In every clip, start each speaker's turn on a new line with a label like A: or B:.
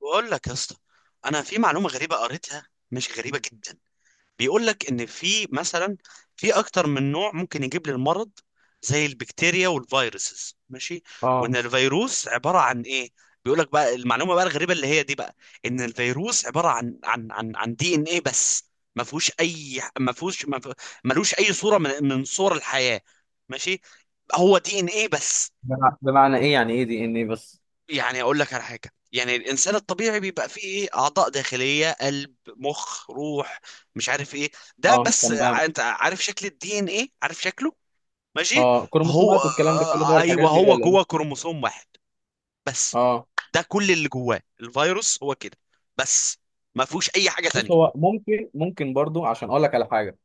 A: بقول لك يا اسطى. انا في معلومه غريبه قريتها، مش غريبه جدا. بيقول لك ان في مثلا، في اكتر من نوع ممكن يجيب لي المرض، زي البكتيريا والفيروسز. ماشي. وان
B: اه،
A: الفيروس عباره عن ايه؟ بيقول لك بقى المعلومه بقى الغريبه اللي هي دي بقى. ان الفيروس عباره عن دي ان ايه بس. ما فيهوش اي ما فيهوش ما فيه- ملوش اي صوره من صور الحياه. ماشي. هو دي ان ايه بس.
B: بمعنى ايه؟ يعني ايه دي ان ايه بس؟
A: يعني اقول لك على حاجه، يعني الانسان الطبيعي بيبقى فيه ايه؟ اعضاء داخليه، قلب، مخ، روح، مش عارف ايه. ده
B: اه،
A: بس،
B: تمام.
A: انت عارف شكل الدي ان ايه؟ عارف شكله؟ ماشي.
B: اه،
A: هو
B: كروموسومات والكلام ده كله ده والحاجات
A: ايوه،
B: دي
A: هو
B: ولا
A: جوه
B: ايه؟
A: كروموسوم واحد بس.
B: اه،
A: ده كل اللي جواه الفيروس، هو كده بس. ما فيهوش اي حاجه
B: بص.
A: تانية.
B: هو ممكن برضو عشان اقول لك على حاجه.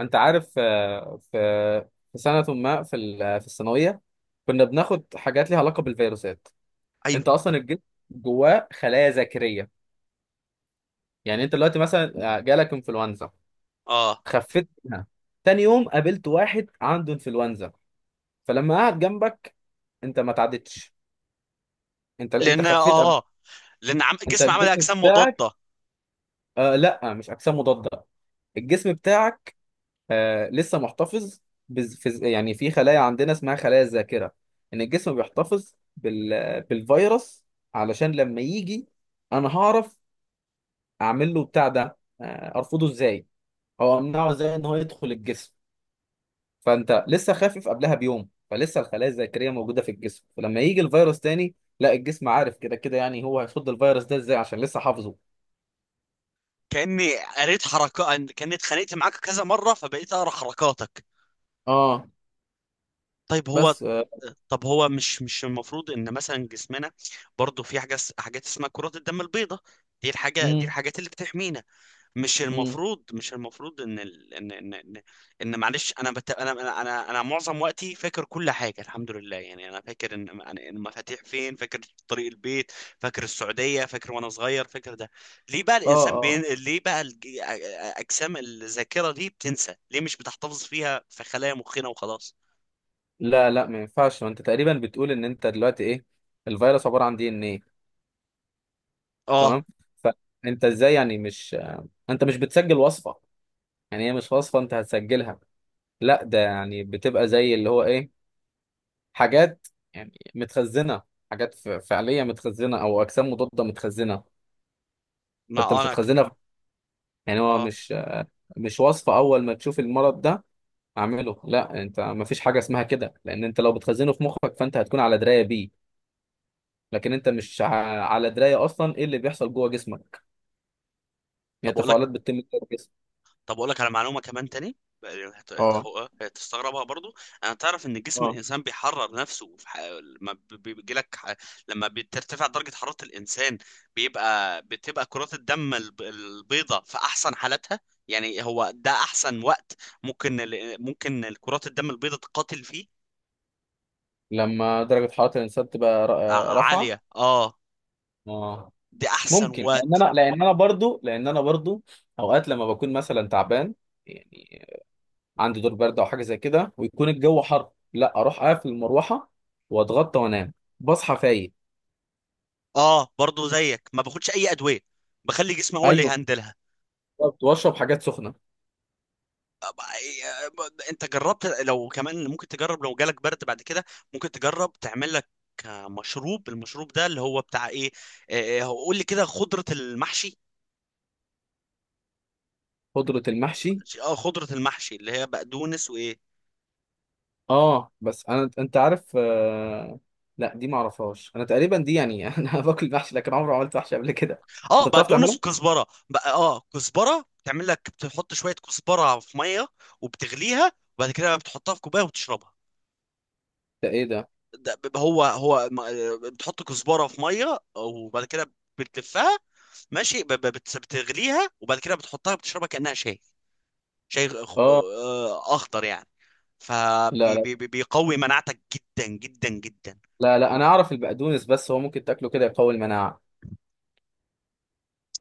B: انت عارف في سنه ما في الثانويه كنا بناخد حاجات ليها علاقه بالفيروسات. انت
A: ايوه.
B: اصلا الجسم جواه خلايا ذاكريه. يعني انت دلوقتي مثلا جالك انفلونزا،
A: اه.
B: خفيت منها، تاني يوم قابلت واحد عنده انفلونزا، فلما قعد جنبك انت ما تعدتش، انت
A: لان اه
B: خفيت.
A: آه. لان
B: انت
A: الجسم عمل
B: الجسم
A: اجسام
B: بتاعك،
A: مضاده.
B: آه لا مش اجسام مضاده. الجسم بتاعك لسه محتفظ، يعني في خلايا عندنا اسمها خلايا الذاكره، ان الجسم بيحتفظ بالفيروس علشان لما يجي انا هعرف اعمل له بتاع ده ارفضه ازاي او امنعه ازاي ان هو يدخل الجسم. فانت لسه خافف قبلها بيوم فلسه الخلايا الذاكريه موجوده في الجسم، فلما يجي الفيروس تاني لا الجسم عارف كده كده، يعني هو هيصد الفيروس ده ازاي عشان لسه حافظه.
A: كاني قريت حركات، كاني اتخانقت معاك كذا مره، فبقيت اقرا حركاتك.
B: اه،
A: طيب هو
B: بس. آه.
A: طب هو مش المفروض ان مثلا جسمنا برضو في حاجه، حاجات اسمها كرات الدم البيضاء؟ دي الحاجه، دي
B: مم.
A: الحاجات اللي بتحمينا. مش
B: امم.
A: المفروض مش المفروض ان ال... ان ان ان, إن معلش، انا بت... انا انا انا أنا معظم وقتي فاكر كل حاجه الحمد لله، يعني انا فاكر ان يعني المفاتيح فين، فاكر طريق البيت، فاكر السعوديه، فاكر وانا صغير، فاكر ده. ليه بقى
B: اه،
A: الانسان
B: اه.
A: بين... ليه بقى الج... اجسام الذاكره دي بتنسى ليه؟ مش بتحتفظ فيها في خلايا مخنا وخلاص؟
B: لا، لا، ما ينفعش. ما انت تقريبا بتقول ان انت دلوقتي ايه؟ الفيروس عباره عن دي ان ايه،
A: اه.
B: تمام. فانت ازاي؟ يعني مش انت مش بتسجل وصفه، يعني هي مش وصفه انت هتسجلها، لا ده يعني بتبقى زي اللي هو ايه، حاجات يعني متخزنه، حاجات فعليه متخزنه او اجسام مضاده متخزنه.
A: ما
B: فانت
A: آه،
B: مش
A: انا ك...
B: هتخزنها. يعني هو
A: اه.
B: مش مش وصفه اول ما تشوف المرض ده اعمله، لا انت ما فيش حاجه اسمها كده. لان انت لو بتخزنه في مخك فانت هتكون على درايه بيه، لكن انت مش على درايه اصلا ايه اللي بيحصل جوه جسمك،
A: طب
B: هي
A: اقول لك
B: تفاعلات بتتم جوه الجسم.
A: طب اقول لك على معلومه كمان تاني.
B: اه،
A: هتستغربها برضو. انا تعرف ان جسم
B: اه.
A: الانسان بيحرر نفسه، في ح... لما ب- ب- بيجي لك ح... لما بترتفع درجه حراره الانسان. بتبقى كرات الدم البيضاء في احسن حالاتها. يعني هو ده احسن وقت، ممكن كرات الدم البيضاء تقاتل فيه.
B: لما درجه حراره الانسان تبقى رافعه،
A: عاليه. اه.
B: اه
A: دي احسن
B: ممكن.
A: وقت.
B: لان انا برضو اوقات لما بكون مثلا تعبان، يعني عندي دور برد او حاجه زي كده، ويكون الجو حر، لا اروح اقفل المروحه واتغطى وانام، بصحى فايق.
A: اه برضو زيك، ما باخدش اي ادويه، بخلي جسمي هو اللي
B: ايوه،
A: يهندلها.
B: بالظبط، واشرب حاجات سخنه.
A: انت جربت؟ لو كمان ممكن تجرب، لو جالك برد بعد كده ممكن تجرب تعمل لك المشروب ده اللي هو بتاع ايه. اه، هو قول لي كده، خضرة المحشي.
B: خضره المحشي؟
A: اه، خضرة المحشي اللي هي بقدونس وايه.
B: اه بس انا انت عارف. لا دي ما اعرفهاش انا تقريبا، دي يعني انا باكل محشي لكن عمري ما عملت محشي قبل كده.
A: اه،
B: انت بتعرف
A: بقدونس
B: تعملها؟
A: وكزبرة بقى. اه، كزبرة تعمل لك، بتحط شوية كزبرة في مية وبتغليها، وبعد كده بتحطها في كوباية وبتشربها.
B: ده ايه ده؟
A: ده ب- هو هو ما- بتحط كزبره في ميه وبعد كده بتلفها. ماشي، بتغليها وبعد كده بتحطها بتشربها كانها شاي. شاي
B: اه،
A: اخضر يعني.
B: لا، لا،
A: فبيقوي مناعتك جدا جدا جدا.
B: لا، لا، انا اعرف البقدونس، بس هو ممكن تاكله كده يقوي المناعه؟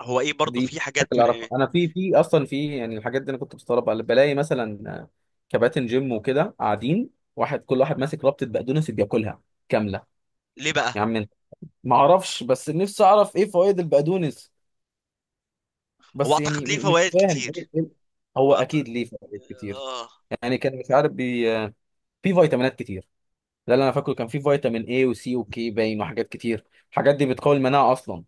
A: هو ايه؟ برضو
B: دي
A: في حاجات
B: اكل
A: من
B: اعرف
A: ايه؟
B: انا. في اصلا في يعني الحاجات دي انا كنت بستغربها، بلاقي مثلا كباتن جيم وكده قاعدين، واحد كل واحد ماسك ربطه بقدونس بياكلها كامله.
A: ليه بقى؟
B: يا عم انت، ما اعرفش بس نفسي اعرف ايه فوائد البقدونس،
A: هو
B: بس يعني
A: اعتقد ليه
B: مش
A: فوائد
B: فاهم.
A: كتير.
B: هو
A: هو أعت...
B: اكيد ليه فوائد كتير،
A: آه.
B: يعني كان مش عارف. في فيتامينات كتير. لا، لا، انا فاكره كان في فيتامين اي وسي وكي باين وحاجات كتير، الحاجات دي بتقوي المناعه اصلا،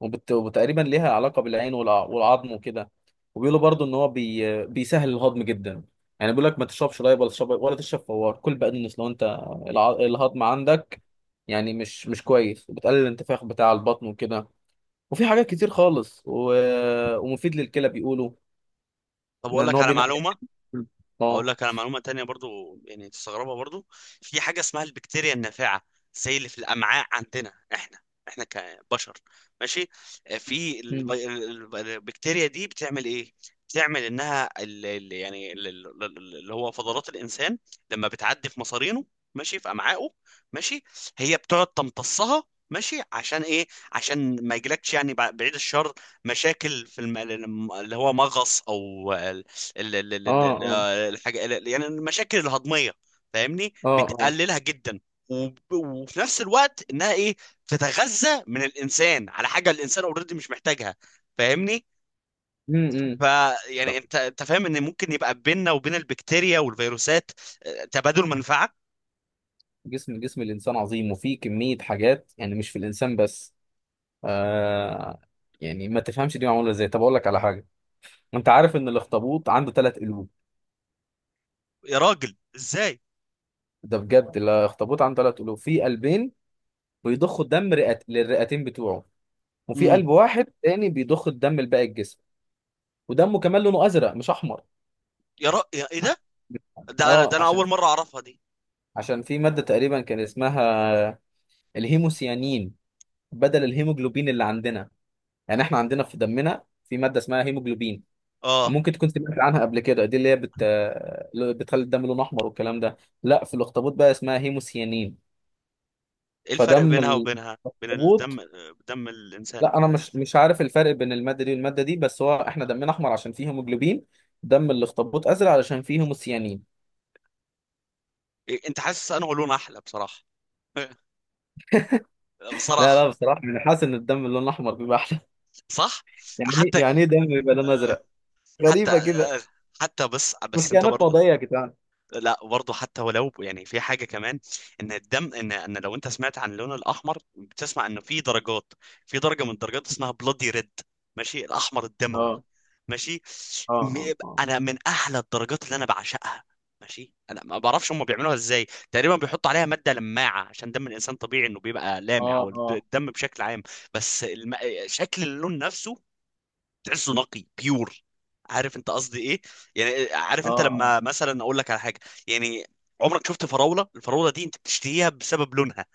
B: وتقريبا ليها علاقه بالعين والعظم وكده. وبيقولوا برضو ان هو بيسهل الهضم جدا. يعني بيقول لك ما تشربش لايب ولا تشرب فوار، كل بقدونس لو انت الهضم عندك يعني مش كويس، وبتقلل الانتفاخ بتاع البطن وكده. وفي حاجات كتير خالص ومفيد للكلى، بيقولوا
A: طب اقول
B: ان
A: لك
B: هو
A: على
B: بينقل.
A: معلومه. اقول
B: اه.
A: لك انا معلومه تانية برضو، يعني تستغربها برضو. في حاجه اسمها البكتيريا النافعه، زي اللي في الامعاء عندنا احنا، احنا كبشر. ماشي. في
B: مم.
A: البكتيريا دي بتعمل ايه؟ بتعمل انها، اللي هو فضلات الانسان لما بتعدي في مصارينه، ماشي في امعائه. ماشي. هي بتقعد تمتصها، ماشي. عشان ايه؟ عشان ما يجيلكش يعني، بعيد الشر، مشاكل في اللي هو مغص او
B: اه، اه،
A: الحاجة، يعني المشاكل الهضمية، فاهمني،
B: اه، اه.
A: بتقللها جدا. وفي نفس الوقت انها ايه؟ تتغذى من الانسان على حاجة الانسان اوريدي مش محتاجها، فاهمني.
B: مم،
A: ف
B: مم. طب
A: يعني انت فاهم ان ممكن يبقى بيننا وبين البكتيريا والفيروسات، تبادل منفعة.
B: جسم الانسان عظيم، وفيه كميه حاجات يعني مش في الانسان بس. آه. يعني ما تفهمش دي معموله ازاي؟ طب اقول لك على حاجه، انت عارف ان الاخطبوط عنده ثلاث قلوب؟
A: يا راجل ازاي؟
B: ده بجد، الاخطبوط عنده ثلاث قلوب، في قلبين بيضخوا الدم للرئتين بتوعه، وفي
A: امم.
B: قلب واحد تاني بيضخ الدم لباقي الجسم. ودمه كمان لونه ازرق مش احمر.
A: يا ايه
B: اه،
A: ده انا
B: عشان
A: اول مرة اعرفها دي.
B: في ماده تقريبا كان اسمها الهيموسيانين، بدل الهيموجلوبين اللي عندنا. يعني احنا عندنا في دمنا في ماده اسمها هيموجلوبين،
A: اه،
B: ممكن تكون سمعت عنها قبل كده، دي اللي هي بتخلي الدم لونه احمر والكلام ده. لا، في الاخطبوط بقى اسمها هيموسيانين.
A: ايه الفرق
B: فدم
A: بينها وبينها؟ بين
B: الاخطبوط،
A: الدم، دم الانسان؟
B: لا انا مش عارف الفرق بين الماده دي والماده دي، بس هو احنا دمنا احمر عشان فيه هيموجلوبين، دم الاخطبوط ازرق علشان فيه هيموسيانين.
A: إيه، انت حاسس انه لون احلى بصراحة؟
B: لا،
A: بصراحة.
B: لا، بصراحه انا حاسس ان الدم اللون الاحمر بيبقى احلى.
A: صح.
B: يعني
A: حتى
B: يعني ايه دم بيبقى لونه ازرق؟ غريبه
A: حتى
B: كده.
A: حتى بس
B: مش
A: انت
B: كائنات
A: برضه.
B: فضائيه يا جدعان.
A: لا برضه، حتى ولو يعني في حاجه كمان، ان الدم، ان ان لو انت سمعت عن اللون الاحمر بتسمع انه في درجات. في درجه من الدرجات اسمها بلودي ريد، ماشي، الاحمر الدموي.
B: اه،
A: ماشي.
B: اه،
A: م-
B: اه،
A: انا من احلى الدرجات اللي انا بعشقها. ماشي. انا ما بعرفش هم بيعملوها ازاي، تقريبا بيحطوا عليها ماده لماعه، عشان دم الانسان طبيعي انه بيبقى لامع،
B: اه،
A: او
B: اه،
A: الدم بشكل عام. بس الم... شكل اللون نفسه، تحسه نقي بيور. عارف انت قصدي ايه؟ يعني عارف
B: اه،
A: انت
B: اه،
A: لما مثلا اقول لك على حاجه، يعني، عمرك شفت فراوله؟ الفراوله دي انت بتشتهيها بسبب لونها،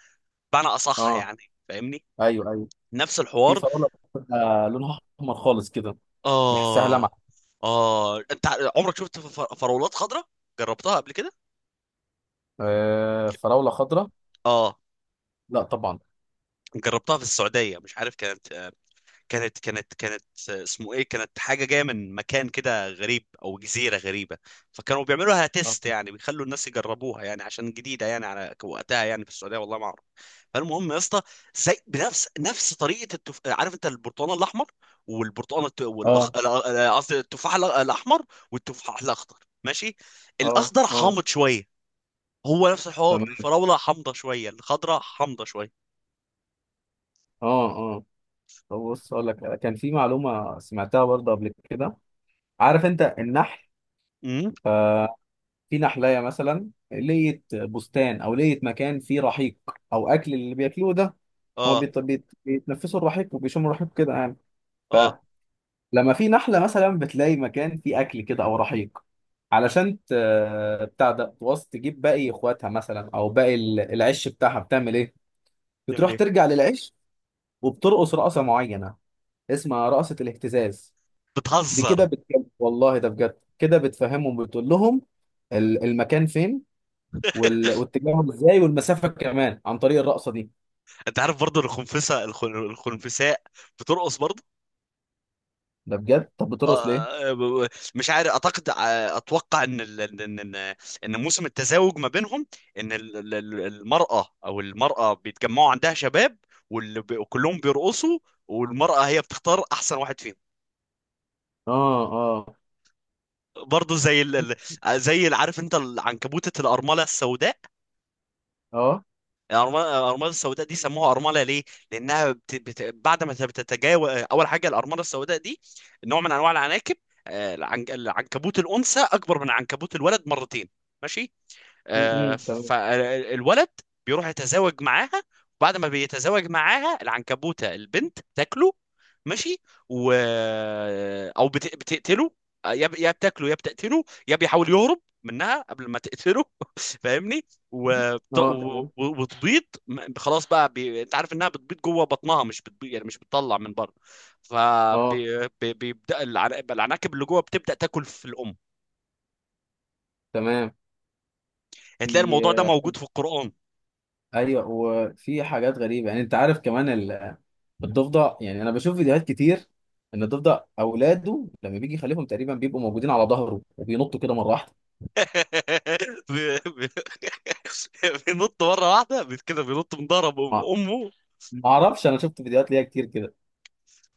A: بمعنى اصح
B: اه.
A: يعني، فاهمني.
B: ايوه، ايوه.
A: نفس
B: في
A: الحوار.
B: فراوله بتبقى لونها احمر خالص كده، تحسها
A: اه،
B: لمعه.
A: اه. انت عمرك شفت فراولات خضراء؟ جربتها قبل كده؟
B: آه، فراوله خضراء؟
A: اه،
B: لا طبعا.
A: جربتها في السعوديه، مش عارف كانت اسمه ايه، كانت حاجه جايه من مكان كده غريب، او جزيره غريبه. فكانوا بيعملوها
B: اه،
A: تيست، يعني بيخلوا الناس يجربوها يعني، عشان جديده يعني على وقتها يعني، في السعوديه والله ما اعرف. فالمهم يا اسطى، زي بنفس طريقه عارف انت البرتقال الاحمر، والبرتقال الت... والاخ
B: اه،
A: ال- ال- قصدي التفاح الاحمر، والتفاح الاخضر. ماشي.
B: اه.
A: الاخضر
B: آه.
A: حامض شويه، هو نفس الحوار،
B: تمام.
A: الفراوله حامضه شويه، الخضراء حامضه شويه.
B: اه، اه، طب بص اقول لك كان في معلومه سمعتها برضه قبل كده. عارف انت النحل؟
A: امم.
B: آه. في نحلية مثلا لقيت بستان او لقيت مكان فيه رحيق او اكل اللي بياكلوه ده، هو
A: اه،
B: بيتنفسوا الرحيق وبيشموا الرحيق كده.
A: اه.
B: لما في نحلة مثلا بتلاقي مكان فيه أكل كده أو رحيق علشان بتاع ده توص تجيب باقي إخواتها مثلا أو باقي العش بتاعها، بتعمل إيه؟
A: تعمل
B: بتروح
A: ايه؟
B: ترجع للعش وبترقص رقصة معينة اسمها رقصة الاهتزاز. دي
A: بتهزر؟
B: كده بتجيب والله، ده بجد، كده بتفهمهم، بتقول لهم المكان فين واتجاههم ازاي والمسافة كمان عن طريق الرقصة دي.
A: انت عارف برضه الخنفسه، الخنفساء بترقص برضه؟
B: ده بجد، طب بترقص ليه؟
A: آه، مش عارف، اعتقد اتوقع ان ان موسم التزاوج ما بينهم. ان المراه، او المراه بيتجمعوا عندها شباب، وكلهم بيرقصوا، والمراه هي بتختار احسن واحد فيهم.
B: اه، اه،
A: برضه زي اللي، عارف انت العنكبوتة الارمله السوداء؟
B: اه،
A: الأرماد السوداء دي سموها أرملة ليه؟ لأنها، بعد ما بتتجاوز أول حاجة. الأرملة السوداء دي نوع من أنواع العناكب. العنكبوت الأنثى أكبر من عنكبوت الولد مرتين. ماشي.
B: م- م، تمام.
A: فالولد بيروح يتزاوج معاها، وبعد ما بيتزاوج معاها العنكبوتة البنت تاكله. ماشي. و او بتقتله. يا بتاكله، يا بتقتله، يا بيحاول يهرب منها قبل ما تقتله فاهمني.
B: اه، تمام.
A: وتبيض. خلاص بقى، انت عارف انها بتبيض جوه بطنها، مش بتبيض يعني، مش بتطلع من بره.
B: اه،
A: فبيبدا العناكب اللي جوه بتبدا تاكل في الام.
B: تمام. دي،
A: هتلاقي الموضوع ده موجود في القرآن.
B: ايوه، وفي حاجات غريبه، يعني انت عارف كمان الضفدع، يعني انا بشوف فيديوهات كتير ان الضفدع اولاده لما بيجي يخلفهم تقريبا بيبقوا موجودين على ظهره وبينطوا كده مره واحده.
A: بي- بي- بينط مره واحده، كده بينط من ظهر
B: ما
A: امه.
B: ما اعرفش، انا شفت فيديوهات ليها كتير كده.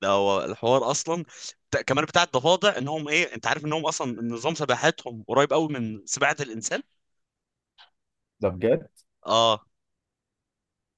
A: ده هو الحوار اصلا. كمان بتاع الضفادع انهم ايه، انت عارف انهم اصلا نظام سباحتهم قريب قوي من سباحه الانسان؟
B: ده بجد.
A: اه.